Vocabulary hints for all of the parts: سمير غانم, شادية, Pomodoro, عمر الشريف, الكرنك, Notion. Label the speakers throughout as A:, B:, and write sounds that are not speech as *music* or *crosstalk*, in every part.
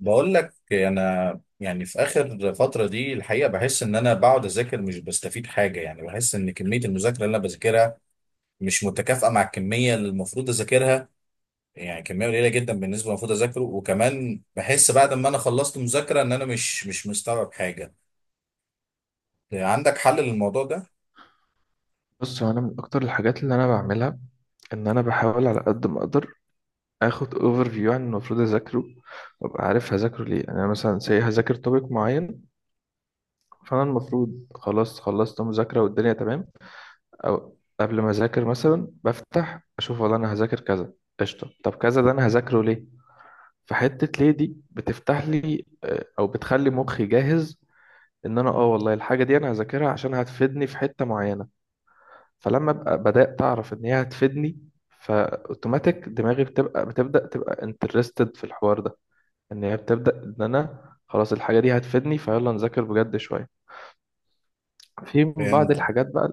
A: بقول لك انا يعني في اخر فتره دي الحقيقه بحس ان انا بقعد اذاكر مش بستفيد حاجه. يعني بحس ان كميه المذاكره اللي انا بذاكرها مش متكافئه مع الكميه اللي المفروض اذاكرها. يعني كميه قليله جدا بالنسبه للمفروض اذاكره. وكمان بحس بعد ما انا خلصت مذاكره ان انا مش مستوعب حاجه. عندك حل للموضوع ده؟
B: بص، هو انا من اكتر الحاجات اللي انا بعملها ان انا بحاول على قد ما اقدر اخد اوفر فيو عن المفروض اذاكره، وابقى عارف هذاكره ليه. يعني انا مثلا هذاكر توبيك معين، فانا المفروض خلاص خلصت مذاكره والدنيا تمام. او قبل ما اذاكر مثلا بفتح اشوف، والله انا هذاكر كذا قشطه. طب كذا ده انا هذاكره ليه؟ فحته ليه دي بتفتح لي او بتخلي مخي جاهز ان انا والله الحاجه دي انا هذاكرها عشان هتفيدني في حته معينه. فلما ابقى بدات اعرف ان هي هتفيدني، فاوتوماتيك دماغي بتبقى بتبدا تبقى انترستد في الحوار ده. ان هي بتبدا ان انا خلاص الحاجه دي هتفيدني، فيلا نذاكر بجد شويه في بعض
A: فهمت.
B: الحاجات بقى.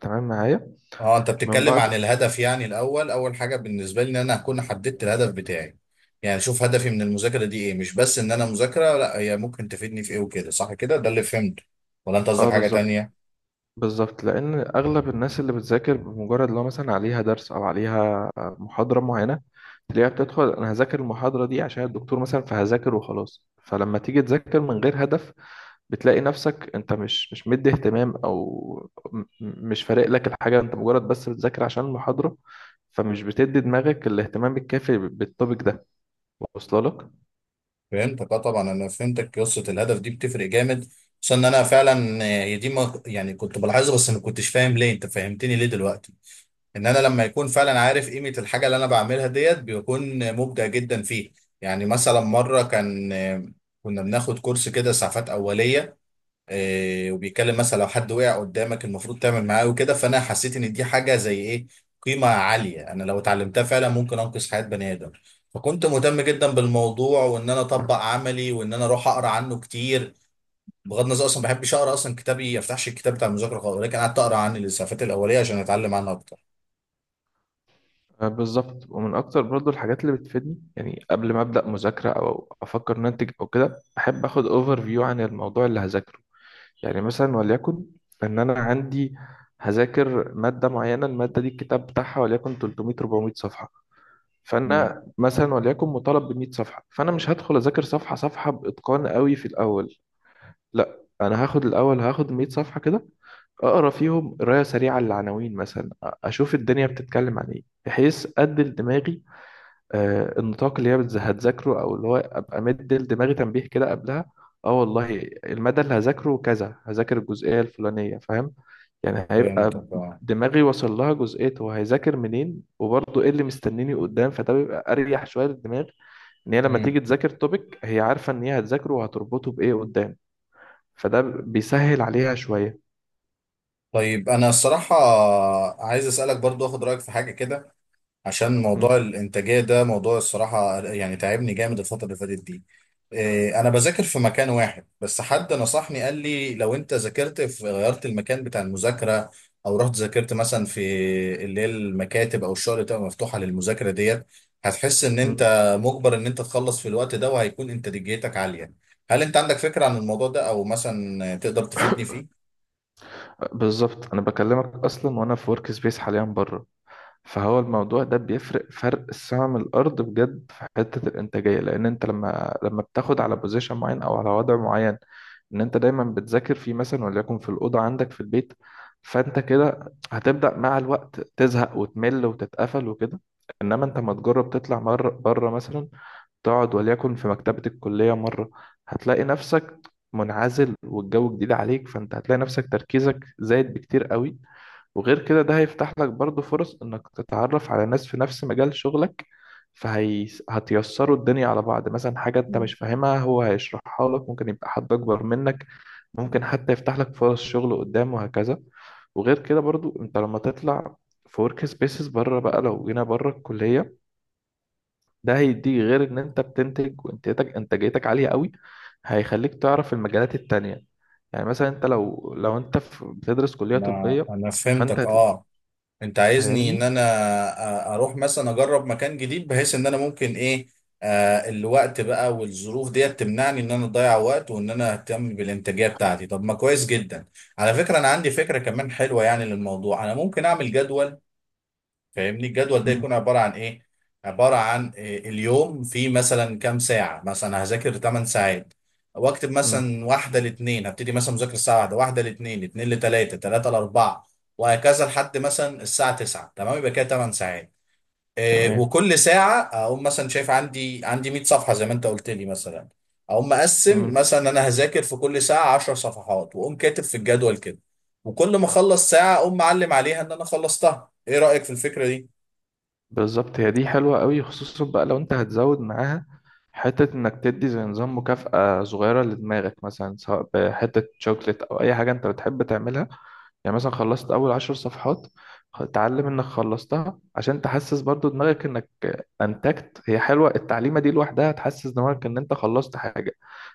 B: تمام معايا؟
A: اه، انت
B: من
A: بتتكلم عن
B: بعد.
A: الهدف، يعني الاول اول حاجه بالنسبه لي ان انا اكون حددت الهدف بتاعي. يعني اشوف هدفي من المذاكره دي ايه، مش بس ان انا مذاكره، لا هي ممكن تفيدني في ايه وكده، صح كده؟ ده اللي فهمته. ولا انت قصدك
B: اه
A: حاجه
B: بالظبط.
A: تانية؟
B: بالظبط، لان اغلب الناس اللي بتذاكر بمجرد لو مثلا عليها درس او عليها محاضره معينه، تلاقيها بتدخل انا هذاكر المحاضره دي عشان الدكتور مثلا، فهذاكر وخلاص. فلما تيجي تذاكر من غير هدف، بتلاقي نفسك انت مش مدي اهتمام، او مش فارق لك الحاجة، انت مجرد بس بتذاكر عشان المحاضرة، فمش بتدي دماغك الاهتمام الكافي بالتوبيك ده، واصله لك؟
A: فهمتك اه، طبعا انا فهمتك، قصه الهدف دي بتفرق جامد، خصوصا ان انا فعلا دي ما يعني كنت بلاحظها، بس ما كنتش فاهم ليه، انت فهمتني ليه دلوقتي. ان انا لما يكون فعلا عارف قيمة الحاجة اللي انا بعملها ديت بيكون مبدع جدا فيه. يعني مثلا مرة كان كنا بناخد كورس كده اسعافات اولية وبيتكلم مثلا لو حد وقع قدامك المفروض تعمل معاه وكده، فانا حسيت ان دي حاجة زي ايه، قيمة عالية، انا لو اتعلمتها فعلا ممكن انقذ حياة بني ادم. فكنت مهتم جدا بالموضوع، وان انا اطبق عملي، وان انا اروح اقرا عنه كتير، بغض النظر اصلا ما بحبش اقرا، اصلا كتابي ما افتحش الكتاب بتاع المذاكره خالص، ولكن قعدت اقرا عن الاسعافات الاوليه عشان اتعلم عنها اكتر.
B: آه، بالظبط. ومن اكتر برضو الحاجات اللي بتفيدني، يعني قبل ما ابدا مذاكرة او افكر ان انتج او كده، احب اخد اوفر فيو عن الموضوع اللي هذاكره. يعني مثلا وليكن ان انا عندي هذاكر مادة معينة، المادة دي الكتاب بتاعها وليكن 300 400 صفحة،
A: مم.
B: فانا مثلا وليكن مطالب ب 100 صفحه. فانا مش هدخل اذاكر صفحه صفحه باتقان قوي في الاول، لا انا هاخد الاول هاخد 100 صفحه كده، اقرا فيهم قرايه سريعه للعناوين مثلا. اشوف الدنيا بتتكلم عن ايه، بحيث ادي لدماغي النطاق اللي هي هتذاكره، او اللي هو ابقى مدي لدماغي تنبيه كده قبلها. اه والله المدى اللي هذاكره كذا، هذاكر الجزئيه الفلانيه، فاهم؟ يعني هيبقى
A: فهمتك اه.
B: دماغي وصل لها جزئية هو هيذاكر منين، وبرضه ايه اللي مستنيني قدام، فده بيبقى اريح شوية للدماغ. ان هي لما
A: مم.
B: تيجي تذاكر توبيك، هي عارفة ان هي هتذاكره وهتربطه بايه قدام، فده بيسهل عليها شوية.
A: طيب انا الصراحه عايز اسالك برضو، اخد رايك في حاجه كده، عشان موضوع
B: مم.
A: الانتاجيه ده موضوع الصراحه يعني تعبني جامد الفتره اللي فاتت دي. انا بذاكر في مكان واحد بس، حد نصحني قال لي لو انت ذاكرت في غيرت المكان بتاع المذاكره، او رحت ذاكرت مثلا في اللي هي المكاتب او الشغل اللي بتبقى مفتوحه للمذاكره ديت، هتحس ان انت
B: مم.
A: مجبر ان انت تخلص في الوقت ده، وهيكون انتاجيتك عاليه. هل انت عندك فكره عن الموضوع ده، او مثلا تقدر تفيدني فيه؟
B: بالظبط، انا بكلمك اصلا وانا في ورك سبيس حاليا بره. فهو الموضوع ده بيفرق فرق السما من الارض بجد في حته الانتاجيه، لان انت لما بتاخد على بوزيشن معين او على وضع معين ان انت دايما بتذاكر فيه، مثلا وليكن في الاوضه عندك في البيت، فانت كده هتبدا مع الوقت تزهق وتمل وتتقفل وكده. انما انت ما تجرب تطلع مره بره مثلا، تقعد وليكن في مكتبه الكليه مره. هتلاقي نفسك منعزل والجو جديد عليك، فانت هتلاقي نفسك تركيزك زايد بكتير قوي. وغير كده ده هيفتح لك برضو فرص انك تتعرف على ناس في نفس مجال شغلك، فهي هتيسروا الدنيا على بعض. مثلا حاجة انت مش فاهمها هو هيشرحها لك، ممكن يبقى حد اكبر منك، ممكن حتى يفتح لك فرص شغل قدام وهكذا. وغير كده برضو انت لما تطلع في ورك سبيسز بره بقى، لو جينا بره الكلية، ده هيديك غير ان انت بتنتج وانتاجتك انتاجيتك عالية قوي، هيخليك تعرف المجالات التانية. يعني مثلا انت لو انت بتدرس كلية
A: انا
B: طبية،
A: انا
B: فانت
A: فهمتك اه، انت عايزني ان انا
B: فاهمني؟
A: اروح مثلا اجرب مكان جديد، بحيث ان انا ممكن ايه، الوقت بقى والظروف ديت تمنعني ان انا اضيع وقت، وان انا اهتم بالانتاجيه بتاعتي. طب ما كويس جدا. على فكره، انا عندي فكره كمان حلوه يعني للموضوع، انا ممكن اعمل جدول، فاهمني؟ الجدول ده يكون
B: مم.
A: عبارة عن ايه؟ عبارة عن إيه؟ اليوم فيه مثلا كام ساعة، مثلا هذاكر 8 ساعات، واكتب
B: مم.
A: مثلا واحدة لاتنين، هبتدي مثلا مذاكرة الساعة واحدة، واحدة لاتنين، اتنين لتلاتة، تلاتة لأربعة، وهكذا، لحد مثلا الساعة 9، تمام، يبقى كده 8 ساعات.
B: تمام.
A: وكل ساعة أقوم مثلا شايف عندي 100 صفحة زي ما أنت قلت لي مثلا، أقوم مقسم
B: مم.
A: مثلا أنا هذاكر في كل ساعة 10 صفحات، وأقوم كاتب في الجدول كده، وكل ما أخلص ساعة أقوم معلم عليها إن أنا خلصتها. إيه رأيك في الفكرة دي؟
B: بالظبط، هي دي حلوة قوي خصوصا بقى لو انت هتزود معاها حتة انك تدي زي نظام مكافأة صغيرة لدماغك، مثلا سواء بحتة شوكليت او اي حاجة انت بتحب تعملها. يعني مثلا خلصت اول 10 صفحات، اتعلم انك خلصتها عشان تحسس برضو دماغك انك انتجت. هي حلوة التعليمة دي لوحدها، هتحسس دماغك ان انت خلصت حاجة،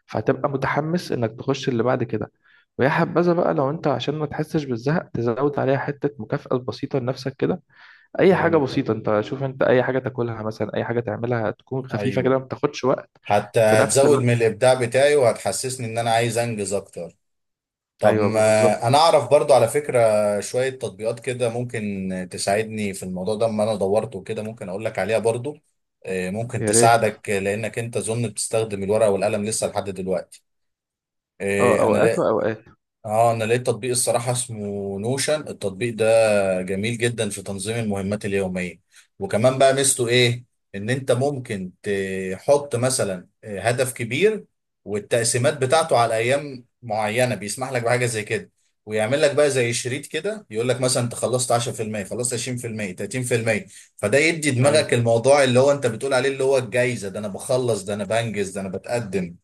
B: فهتبقى متحمس انك تخش اللي بعد كده. ويا حبذا بقى لو انت عشان ما تحسش بالزهق تزود عليها حتة مكافأة بسيطة لنفسك كده. اي حاجة
A: فهمتك.
B: بسيطة، انت شوف، انت اي حاجة تاكلها مثلا، اي حاجة تعملها تكون خفيفة
A: ايوه،
B: كده ما بتاخدش وقت.
A: حتى
B: في نفس
A: هتزود من
B: الوقت.
A: الابداع بتاعي، وهتحسسني ان انا عايز انجز اكتر. طب ما
B: ايوه بالظبط.
A: انا اعرف برضو على فكره شويه تطبيقات كده ممكن تساعدني في الموضوع ده، اما انا دورت وكده، ممكن اقول لك عليها برضو. ممكن
B: يا ريت.
A: تساعدك، لانك انت اظن بتستخدم الورقه والقلم لسه لحد دلوقتي.
B: اه
A: انا
B: اوقات
A: لقيت.
B: واوقات.
A: اه انا لقيت تطبيق الصراحه اسمه نوشن، التطبيق ده جميل جدا في تنظيم المهمات اليومية. وكمان بقى ميزته ايه؟ ان انت ممكن تحط مثلا هدف كبير، والتقسيمات بتاعته على ايام معينة بيسمح لك بحاجة زي كده، ويعمل لك بقى زي شريط كده يقول لك مثلا انت خلصت 10%، خلصت 20%، 30%. فده يدي دماغك
B: ايوه.
A: الموضوع اللي هو انت بتقول عليه، اللي هو الجايزة، ده انا بخلص، ده انا بنجز، ده انا بتقدم.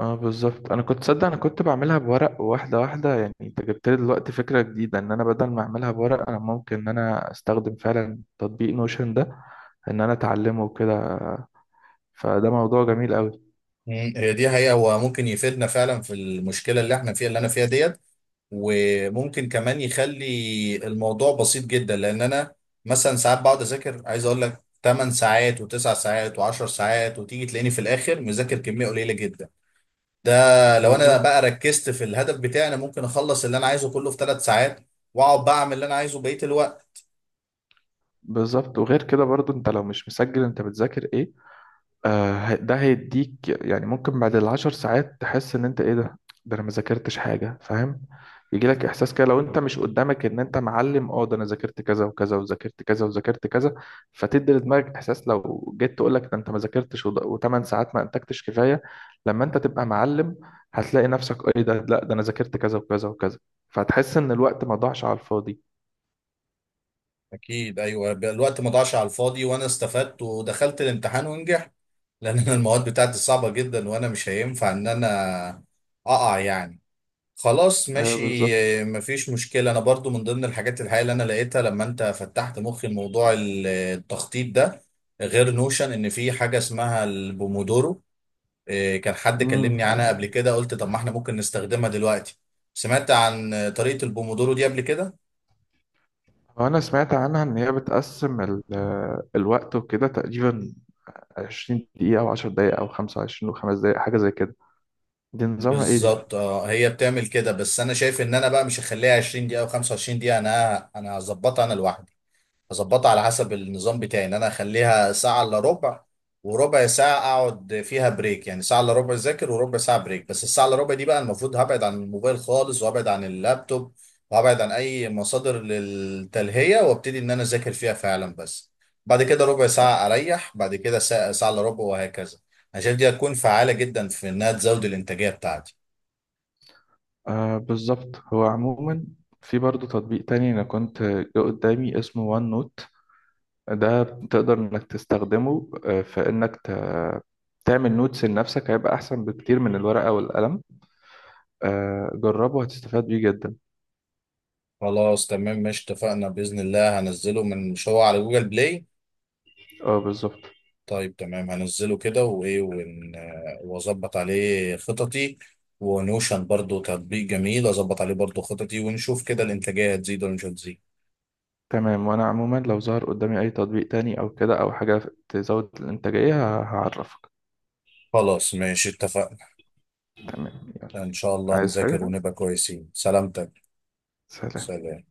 B: اه بالظبط، انا كنت صدق انا كنت بعملها بورق واحده واحده. يعني انت جبت لي دلوقتي فكره جديده ان انا بدل ما اعملها بورق، انا ممكن ان انا استخدم فعلا تطبيق نوشن ده، ان انا اتعلمه وكده. فده موضوع جميل قوي.
A: هي دي حقيقة، هو ممكن يفيدنا فعلا في المشكلة اللي احنا فيها، اللي انا فيها دي، وممكن كمان يخلي الموضوع بسيط جدا، لان انا مثلا ساعات بقعد اذاكر عايز اقول لك 8 ساعات و9 ساعات و10 ساعات، وتيجي تلاقيني في الاخر مذاكر كميه قليله جدا. ده لو انا
B: بالظبط.
A: بقى ركزت في الهدف بتاعي انا ممكن اخلص اللي انا عايزه كله في 3 ساعات، واقعد بقى اعمل اللي انا عايزه بقيه الوقت.
B: بالظبط، وغير كده برضو انت لو مش مسجل انت بتذاكر ايه، ده هيديك يعني ممكن بعد العشر ساعات تحس ان انت ايه ده، ده انا ما ذاكرتش حاجه، فاهم؟ يجي لك احساس كده لو انت مش قدامك ان انت معلم، اه ده انا ذاكرت كذا وكذا وذاكرت كذا وذاكرت كذا. فتدي لدماغك احساس لو جيت تقول لك ده انت ما ذاكرتش و8 ساعات ما انتجتش كفايه. لما انت تبقى معلم، هتلاقي نفسك ايه ده، لا ده انا ذاكرت كذا وكذا وكذا، فهتحس ان الوقت ما ضاعش على الفاضي.
A: اكيد، ايوه بقى الوقت ما ضاعش على الفاضي، وانا استفدت ودخلت الامتحان ونجحت. *laughs* لان انا المواد بتاعتي صعبه جدا، وانا مش هينفع ان انا اقع يعني. خلاص
B: ايوه
A: ماشي.
B: بالظبط.
A: مفيش مشكلة، أنا برضو من ضمن الحاجات الحقيقة اللي أنا لقيتها لما أنت فتحت مخي الموضوع التخطيط ده، غير نوشن، إن في حاجة اسمها البومودورو. كان حد
B: امم
A: كلمني عنها قبل كده، قلت طب ما إحنا ممكن نستخدمها دلوقتي. سمعت عن طريقة البومودورو دي قبل كده؟
B: أنا سمعت عنها إن هي بتقسم الوقت وكده، تقريبا 20 دقيقة أو 10 دقايق أو 25 وخمس دقايق حاجة زي كده. دي نظامها إيه دي؟
A: بالظبط اه، هي بتعمل كده، بس أنا شايف إن أنا بقى مش هخليها 20 دقيقة أو 25 دقيقة، أنا هظبطها أنا لوحدي. هظبطها على حسب النظام بتاعي، ان انا اخليها ساعة الا ربع، وربع ساعة اقعد فيها بريك، يعني ساعة الا ربع اذاكر، وربع ساعة بريك، بس الساعة الا ربع دي بقى المفروض هبعد عن الموبايل خالص، وابعد عن اللابتوب، وابعد عن اي مصادر للتلهية، وابتدي ان انا اذاكر فيها فعلا بس. بعد كده ربع ساعة اريح، بعد كده ساعة الا ربع، وهكذا. انا شايف دي هتكون فعالة جدا في انها تزود الانتاجية بتاعتي.
B: آه بالظبط، هو عموما في برضه تطبيق تاني أنا كنت جه قدامي اسمه وان نوت. ده تقدر إنك تستخدمه في إنك تعمل نوتس لنفسك، هيبقى أحسن بكتير من الورقة والقلم. آه جربه، هتستفاد بيه جدا.
A: خلاص تمام، مش اتفقنا بإذن الله هنزله من مش هو على جوجل بلاي.
B: اه بالظبط.
A: طيب تمام، هنزله كده، وايه واظبط عليه خططي، ونوشن برضو تطبيق جميل اظبط عليه برضو خططي، ونشوف كده الانتاجية هتزيد ولا مش هتزيد.
B: تمام، وانا عموما لو ظهر قدامي اي تطبيق تاني او كده او حاجة تزود الانتاجية هعرفك.
A: خلاص ماشي اتفقنا.
B: تمام.
A: ان شاء الله
B: عايز
A: نذاكر
B: حاجة.
A: ونبقى كويسين. سلامتك.
B: سلام.
A: سلام.